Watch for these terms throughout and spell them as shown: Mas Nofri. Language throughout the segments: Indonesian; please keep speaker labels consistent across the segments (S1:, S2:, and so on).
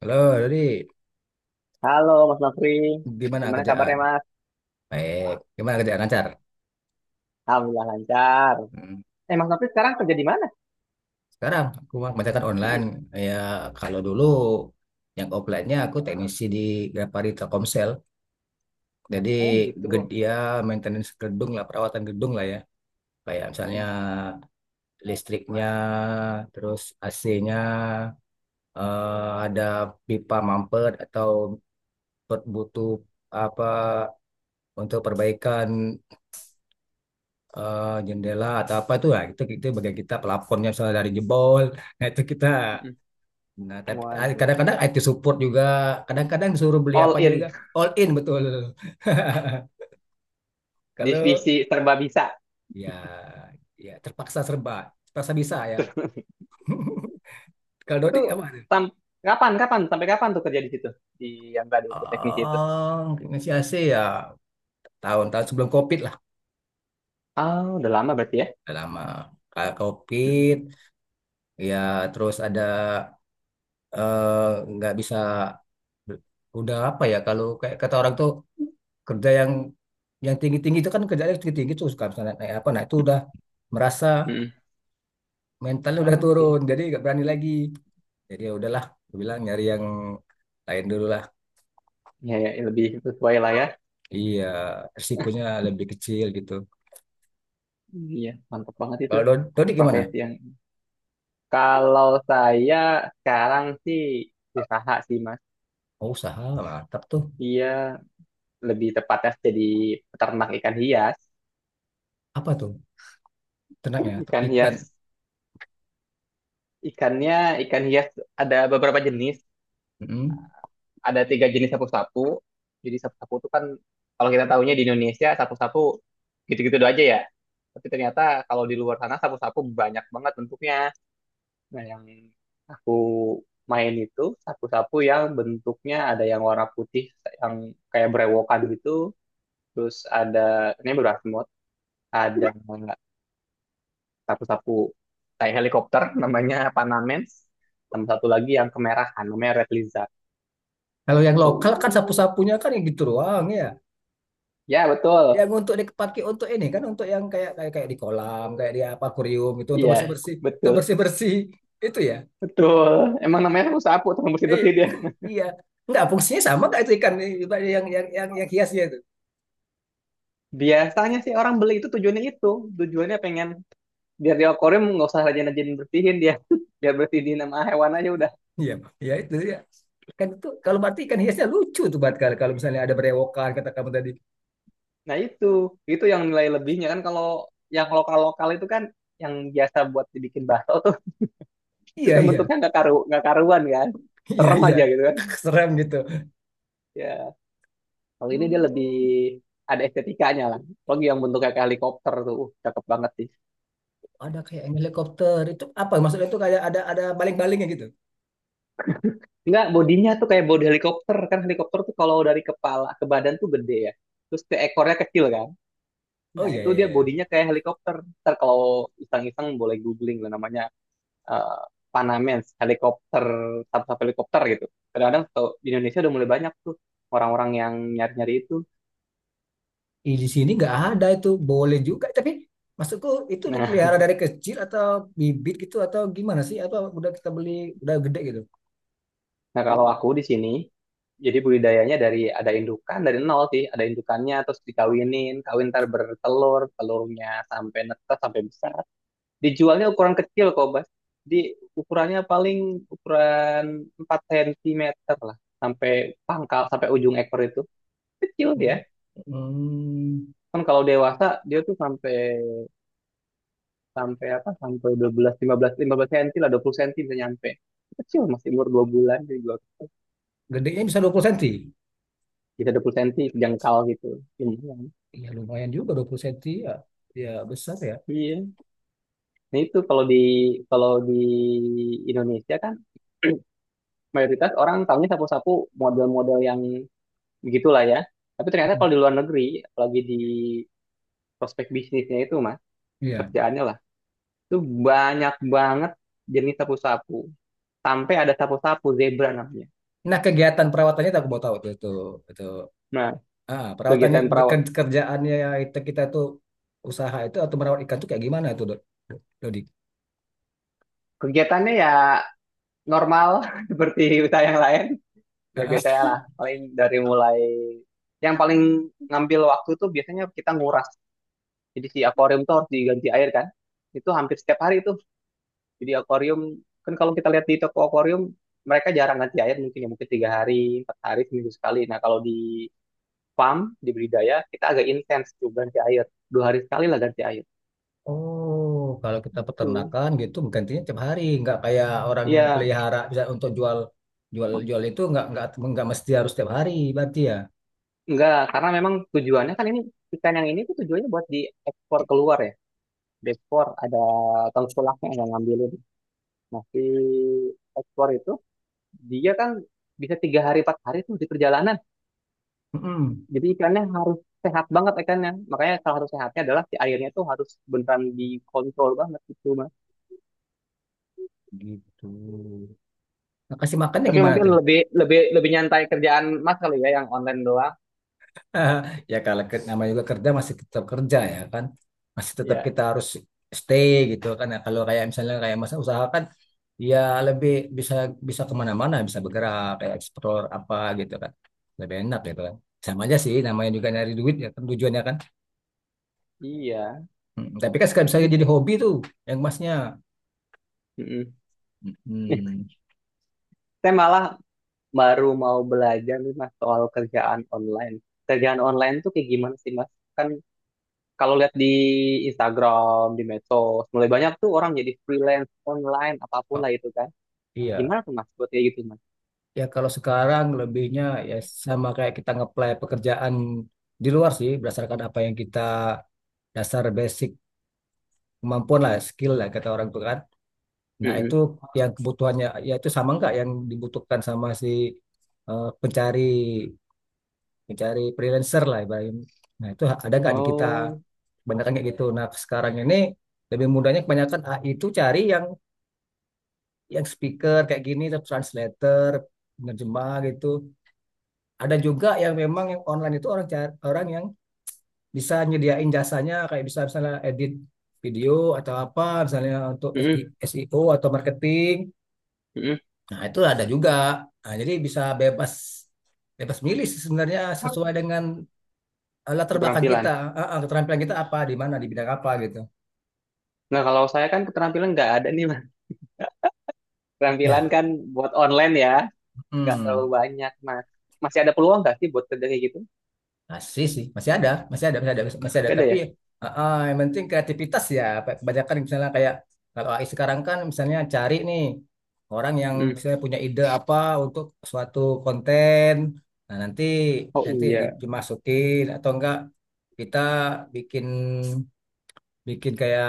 S1: Halo, jadi
S2: Halo Mas Nofri,
S1: gimana
S2: gimana
S1: kerjaan?
S2: kabarnya Mas?
S1: Baik, gimana kerjaan lancar?
S2: Alhamdulillah lancar.
S1: Hmm.
S2: Mas Nofri sekarang kerja di mana?
S1: Sekarang aku kerjakan online.
S2: Mm-mm.
S1: Ya, kalau dulu yang offline-nya aku teknisi di Grapari Telkomsel. Jadi
S2: Oh gitu.
S1: ya maintenance gedung lah, perawatan gedung lah ya. Kayak misalnya
S2: Mm-mm.
S1: listriknya, terus AC-nya, ada pipa mampet atau butuh apa untuk perbaikan jendela atau apa itu lah itu bagian kita plafonnya misalnya dari jebol nah itu kita
S2: Mm-mm.
S1: nah tapi
S2: Waduh,
S1: kadang-kadang IT support juga, kadang-kadang disuruh beli
S2: all
S1: apa juga.
S2: in,
S1: All in betul. Kalau
S2: divisi serba bisa.
S1: ya ya terpaksa serba terpaksa bisa ya. Kalau
S2: Itu
S1: Dodik apa.
S2: sam- kapan kapan sampai kapan tuh kerja di situ, di yang tadi itu teknisi itu?
S1: Oh, inisiasi ya tahun-tahun sebelum COVID lah,
S2: Oh udah lama berarti ya?
S1: udah lama. Kayak COVID,
S2: Mm-mm.
S1: ya terus ada eh, nggak bisa udah apa ya kalau kayak kata orang tuh kerja yang tinggi-tinggi itu kan, kerjanya tinggi-tinggi tuh suka misalnya naik apa, nah itu udah merasa
S2: Mm-mm.
S1: mentalnya udah turun
S2: Oke.
S1: jadi nggak berani lagi. Jadi ya udahlah, gue bilang nyari yang lain dulu lah.
S2: Ya, ya lebih sesuai lah ya.
S1: Iya, risikonya lebih kecil gitu.
S2: Iya mantap banget itu
S1: Kalau Dodi gimana.
S2: profesi yang. Kalau saya sekarang sih usaha sih Mas.
S1: Oh, usaha, mantap tuh.
S2: Iya, lebih tepatnya jadi peternak ikan hias.
S1: Apa tuh ternaknya tuh
S2: Ikan
S1: ikan.
S2: hias, ikannya ikan hias ada beberapa jenis.
S1: Mm-mm.
S2: Ada tiga jenis sapu-sapu. Jadi sapu-sapu itu kan kalau kita tahunya di Indonesia sapu-sapu gitu-gitu doang aja ya. Tapi ternyata kalau di luar sana sapu-sapu banyak banget bentuknya. Nah yang aku main itu sapu-sapu yang bentuknya ada yang warna putih, yang kayak berewokan gitu. Terus ada ini berasmut, ada sapu-sapu kayak helikopter namanya Panamens, sama satu lagi yang kemerahan namanya Red Lizard
S1: Kalau yang lokal
S2: tuh.
S1: kan sapu-sapunya kan yang gitu doang ya,
S2: Ya
S1: yang
S2: betul,
S1: untuk dipakai untuk ini kan, untuk yang kayak kayak kayak di kolam, kayak di apa, akuarium itu untuk
S2: iya
S1: bersih-bersih, itu
S2: betul
S1: bersih-bersih itu ya.
S2: betul, emang namanya sapu-sapu teman
S1: eh,
S2: bersih-bersih dia.
S1: iya, nggak fungsinya sama nggak itu ikan yang yang hiasnya itu.
S2: Biasanya sih orang beli itu tujuannya itu, tujuannya pengen biar di akuarium nggak usah rajin-rajin bersihin dia. Biar bersihin nama hewan aja udah.
S1: Iya, ya itu ya, ikan itu kalau berarti ikan hiasnya lucu tuh buat, kalau kalau misalnya ada berewokan kata kamu tadi.
S2: Nah itu yang nilai lebihnya kan. Kalau yang lokal-lokal itu kan yang biasa buat dibikin bakso tuh, itu
S1: Iya,
S2: kan
S1: iya,
S2: bentuknya nggak karu nggak karuan kan,
S1: iya.
S2: serem
S1: Iya,
S2: aja gitu kan.
S1: serem gitu.
S2: Ya. Kalau ini dia lebih
S1: Hmm,
S2: ada estetikanya lah. Apalagi yang bentuknya kayak helikopter tuh, cakep banget sih.
S1: ada kayak yang helikopter itu apa, maksudnya itu kayak ada baling-balingnya gitu.
S2: Enggak, bodinya tuh kayak bodi helikopter. Kan helikopter tuh kalau dari kepala ke badan tuh gede ya. Terus ke ekornya kecil kan.
S1: Oh,
S2: Nah,
S1: iya,
S2: itu
S1: iya,
S2: dia
S1: iya.
S2: bodinya kayak helikopter. Ntar kalau iseng-iseng boleh googling lah namanya, eh, Panamens, helikopter, sub-sub helikopter gitu. Kadang-kadang tau, di Indonesia udah mulai banyak tuh orang-orang yang nyari-nyari itu.
S1: Ih, di sini nggak ada itu, boleh juga tapi, maksudku itu
S2: Nah.
S1: dipelihara dari kecil atau bibit gitu, atau gimana sih, atau udah kita beli udah gede gitu.
S2: Nah, kalau aku di sini, jadi budidayanya dari ada indukan dari nol sih, ada indukannya terus dikawinin, kawin ntar bertelur, telurnya sampai netas sampai besar. Dijualnya ukuran kecil kok, Bas. Di ukurannya paling ukuran 4 sentimeter lah, sampai pangkal, sampai ujung ekor itu. Kecil dia.
S1: Oh. Hmm.
S2: Kan kalau dewasa dia tuh sampai sampai apa? Sampai dua belas, lima belas, lima belas senti lah, 20 senti bisa nyampe. Kecil masih umur 2 bulan jadi
S1: Gedenya bisa 20 senti.
S2: bisa 20 senti jengkal gitu. Lumayan.
S1: Ya lumayan juga 20 senti ya. Ya besar ya.
S2: Iya. Nah itu kalau kalau di Indonesia kan mayoritas orang tahunya sapu-sapu model-model yang begitulah ya. Tapi ternyata kalau di luar negeri, apalagi di prospek bisnisnya itu mas,
S1: Iya.
S2: kerjaannya lah, itu banyak banget jenis sapu-sapu. Sampai ada sapu-sapu zebra namanya.
S1: Nah, kegiatan perawatannya tak mau tahu tuh itu.
S2: Nah,
S1: Ah, perawatannya
S2: kegiatan perawat,
S1: kerjaannya itu, kita tuh usaha itu atau merawat ikan tuh kayak gimana itu, Dok? Dodi?
S2: kegiatannya ya normal seperti usaha yang lain. Ya
S1: Ah,
S2: biasanya
S1: ah.
S2: lah, paling dari mulai yang paling ngambil waktu tuh biasanya kita nguras. Jadi si akuarium tuh harus diganti air kan. Itu hampir setiap hari itu. Jadi akuarium kan kalau kita lihat di toko akuarium mereka jarang ganti air mungkin, ya mungkin tiga hari, empat hari, seminggu sekali. Nah kalau di farm, di budidaya kita agak intens tuh ganti air. Dua hari sekali lah ganti air.
S1: Oh, kalau kita
S2: Itu.
S1: peternakan gitu gantinya tiap hari, nggak kayak orang yang
S2: Iya,
S1: pelihara bisa untuk jual jual jual itu nggak, nggak mesti harus tiap hari berarti ya.
S2: enggak, karena memang tujuannya kan ini ikan yang ini tuh tujuannya buat diekspor keluar ya. Diekspor ada tengkulaknya yang ngambilin. Nah, si ekspor itu dia kan bisa tiga hari empat hari tuh di perjalanan.
S1: Mm-mm.
S2: Jadi ikannya harus sehat banget ikannya. Makanya salah satu sehatnya adalah si airnya tuh harus beneran dikontrol banget gitu, Mas.
S1: Gitu. Nah, kasih makannya
S2: Tapi
S1: gimana
S2: mungkin
S1: tuh?
S2: lebih lebih lebih nyantai kerjaan Mas kali ya yang online doang.
S1: Ya kalau namanya juga kerja, masih tetap kerja ya kan. Masih tetap
S2: Ya,
S1: kita harus stay gitu kan. Nah, kalau kayak misalnya kayak masa usaha kan, ya lebih bisa bisa kemana-mana, bisa bergerak kayak eksplor apa gitu kan. Lebih enak gitu kan. Sama aja sih, namanya juga nyari duit ya kan, tujuannya kan.
S2: iya.
S1: Tapi kan sekarang misalnya jadi hobi tuh yang emasnya.
S2: Mm-mm.
S1: Mm,
S2: Saya malah baru mau belajar nih Mas soal kerjaan online. Kerjaan online tuh kayak gimana sih Mas? Kan kalau lihat di Instagram, di medsos, mulai banyak tuh orang jadi freelance online apapun
S1: oh,
S2: lah itu kan.
S1: iya.
S2: Gimana tuh Mas buat kayak gitu Mas?
S1: Ya kalau sekarang lebihnya ya sama kayak kita ngeplay pekerjaan di luar sih, berdasarkan apa yang kita, dasar basic kemampuan lah, skill lah kata orang tua kan, nah itu
S2: Mm-mm.
S1: yang kebutuhannya ya itu sama nggak yang dibutuhkan sama si pencari pencari freelancer lah ibaratnya, nah itu ada nggak di kita
S2: Oh,
S1: kebanyakan kayak gitu. Nah sekarang ini lebih mudahnya, kebanyakan AI itu cari yang speaker kayak gini, terus translator, penerjemah gitu. Ada juga yang memang yang online itu orang cari, orang yang bisa nyediain jasanya kayak bisa misalnya edit video, atau apa misalnya untuk
S2: mm-mm,
S1: SI SEO atau marketing.
S2: mm-mm.
S1: Nah, itu ada juga. Nah, jadi bisa bebas bebas milih sih sebenarnya, sesuai dengan latar belakang kita.
S2: Keterampilan.
S1: Keterampilan kita apa, di mana, di bidang apa gitu.
S2: Nah, kalau saya kan keterampilan nggak ada nih, Mas. Keterampilan
S1: Ya,
S2: kan buat online ya, nggak terlalu
S1: hmm,
S2: banyak, Mas. Masih ada peluang nggak sih buat kerja kayak gitu?
S1: masih sih, masih ada, masih ada, masih ada, masih ada.
S2: Nggak ada
S1: Tapi
S2: ya?
S1: yang penting kreativitas ya. Kebanyakan misalnya kayak kalau AI sekarang kan, misalnya cari nih orang yang
S2: Hmm.
S1: misalnya punya ide apa untuk suatu konten. Nah, nanti
S2: Oh
S1: nanti
S2: iya.
S1: dimasukin atau enggak, kita bikin bikin kayak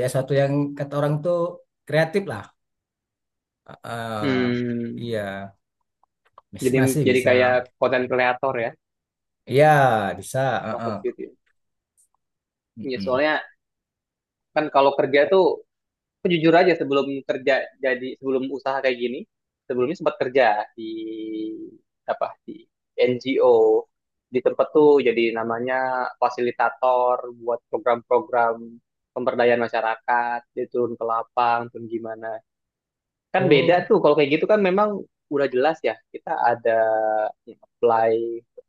S1: ya suatu yang kata orang tuh kreatif lah. Heeh.
S2: Hmm.
S1: Iya masih
S2: Jadi
S1: masih
S2: jadi
S1: bisa,
S2: kayak konten kreator ya,
S1: iya bisa. Heeh.
S2: waktu itu. Ya. Iya,
S1: Mm-mm.
S2: soalnya kan kalau kerja tuh, aku jujur aja sebelum kerja, jadi sebelum usaha kayak gini, sebelumnya sempat kerja di di NGO di tempat tuh jadi namanya fasilitator buat program-program pemberdayaan masyarakat, dia turun ke lapang, turun gimana. Kan beda
S1: Oh,
S2: tuh kalau kayak gitu kan memang udah jelas ya kita ada ya, apply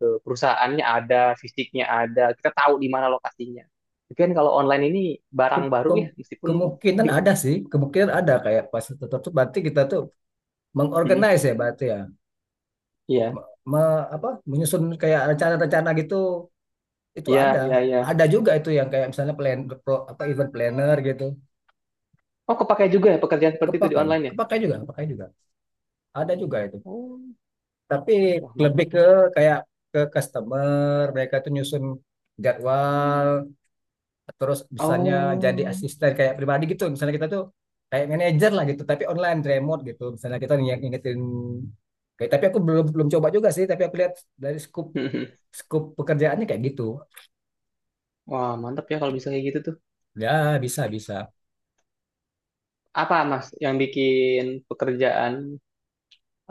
S2: ke perusahaannya ada, fisiknya ada, kita tahu di mana lokasinya. Tapi kan kalau online ini barang
S1: ke-
S2: baru
S1: ke-
S2: ya meskipun
S1: kemungkinan ada sih, kemungkinan ada, kayak pas tutup tuh berarti kita tuh mengorganize ya berarti ya.
S2: iya,
S1: Apa menyusun kayak rencana-rencana gitu, itu
S2: iya,
S1: ada.
S2: iya, iya.
S1: Ada juga itu yang kayak misalnya apa event planner gitu.
S2: Oh, kepakai juga ya pekerjaan seperti itu di
S1: Kepakai,
S2: online ya?
S1: kepakai juga, kepakai juga, ada juga itu.
S2: Oh,
S1: Tapi
S2: wah
S1: lebih
S2: mantap
S1: ke
S2: nih.
S1: kayak ke customer, mereka tuh nyusun jadwal, terus misalnya jadi
S2: Oh,
S1: asisten kayak pribadi gitu, misalnya kita tuh kayak manajer lah gitu tapi online remote gitu, misalnya kita yang ngingetin, kayak. Tapi aku belum belum coba juga sih, tapi aku lihat dari scoop scoop pekerjaannya kayak gitu.
S2: wah mantap ya kalau bisa kayak gitu tuh.
S1: Ya bisa, bisa.
S2: Apa Mas yang bikin pekerjaan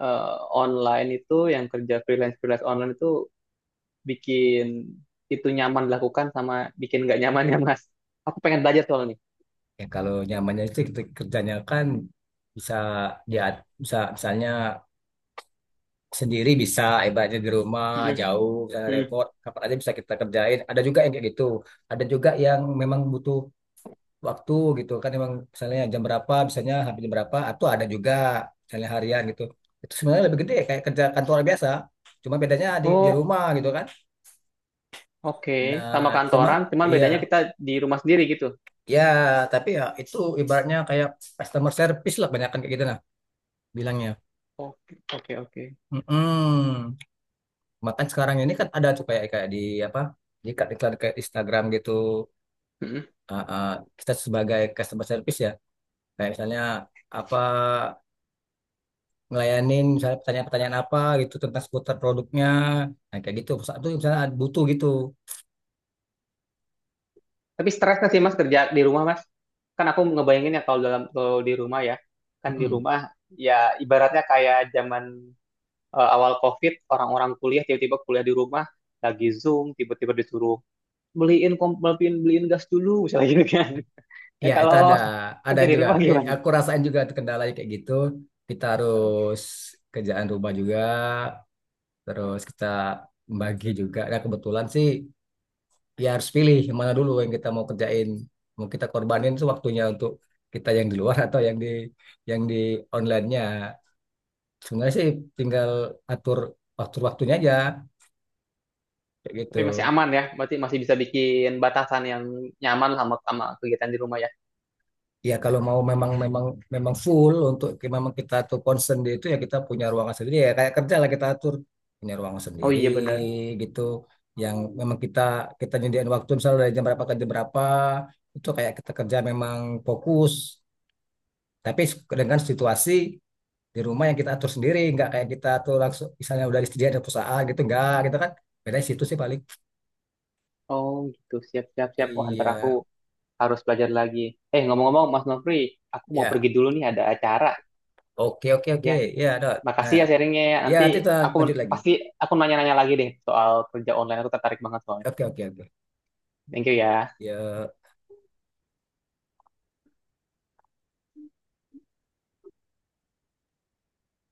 S2: eh, online itu, yang kerja freelance freelance online itu bikin itu nyaman dilakukan sama bikin nggak nyaman ya Mas? Aku pengen belajar soal ini.
S1: Ya kalau nyamannya sih, kita kerjanya kan bisa, dia bisa misalnya sendiri, bisa ibaratnya di rumah
S2: Mm,
S1: jauh misalnya,
S2: mm.
S1: repot kapan aja bisa kita kerjain, ada juga yang kayak gitu. Ada juga yang memang butuh waktu gitu kan, memang misalnya jam berapa, misalnya habis jam berapa, atau ada juga misalnya harian gitu, itu sebenarnya lebih gede kayak kerja kantor biasa, cuma bedanya di
S2: Oh,
S1: rumah gitu kan.
S2: oke.
S1: Nah
S2: Sama
S1: cuman,
S2: kantoran, cuman
S1: iya
S2: bedanya kita di rumah sendiri gitu.
S1: ya, tapi ya itu ibaratnya kayak customer service lah, banyak kan kayak gitu nah bilangnya.
S2: Oke, oke, oke.
S1: Mm-mm. Makan sekarang ini kan ada tuh kayak kayak di apa, di iklan iklan kayak Instagram gitu. Ah, ah, kita sebagai customer service ya, kayak misalnya apa, ngelayanin misalnya pertanyaan-pertanyaan apa gitu tentang seputar produknya, nah kayak gitu saat itu misalnya butuh gitu.
S2: Tapi stres nggak sih Mas kerja di rumah Mas? Kan aku ngebayangin ya kalau dalam kalau di rumah ya, kan di
S1: Mm-mm.
S2: rumah ya ibaratnya kayak zaman awal COVID orang-orang kuliah tiba-tiba kuliah di rumah, lagi Zoom tiba-tiba disuruh beliin beliin gas dulu misalnya gitu kan. Ya
S1: Ya itu ada
S2: kalau
S1: ada
S2: kerja di
S1: juga.
S2: rumah gimana?
S1: Aku rasain juga tuh kendalanya kayak gitu, kita harus kerjaan rumah juga, terus kita membagi juga, nah kebetulan sih ya harus pilih yang mana dulu yang kita mau kerjain, mau kita korbanin itu waktunya untuk kita yang di luar atau yang di, yang di onlinenya. Sebenarnya sih tinggal atur waktunya aja kayak gitu.
S2: Tapi masih aman ya, berarti masih bisa bikin batasan yang nyaman sama sama kegiatan di rumah ya.
S1: Ya kalau mau memang, memang memang full, untuk memang kita tuh concern di itu ya, kita punya ruangan sendiri ya kayak kerja lah kita atur, punya ruangan
S2: Oh
S1: sendiri
S2: iya benar.
S1: gitu, yang memang kita kita nyediain waktu misalnya dari jam berapa ke jam berapa, itu kayak kita kerja memang fokus, tapi dengan situasi di rumah yang kita atur sendiri, nggak kayak kita tuh langsung misalnya udah disediain ada perusahaan gitu, nggak gitu kan, beda situ sih paling.
S2: Oh gitu, siap siap siap. Wah ntar
S1: Iya
S2: aku harus belajar lagi. Ngomong-ngomong, Mas Nofri, aku mau
S1: ya,
S2: pergi dulu nih, ada acara.
S1: oke, oke, oke.
S2: Ya,
S1: Ya dot
S2: makasih
S1: nah,
S2: ya sharingnya ya.
S1: ya
S2: Nanti
S1: nanti kita
S2: aku
S1: lanjut lagi.
S2: pasti aku nanya-nanya lagi deh soal kerja online. Aku tertarik banget soalnya.
S1: Oke, oke, oke.
S2: Thank you ya.
S1: Ya.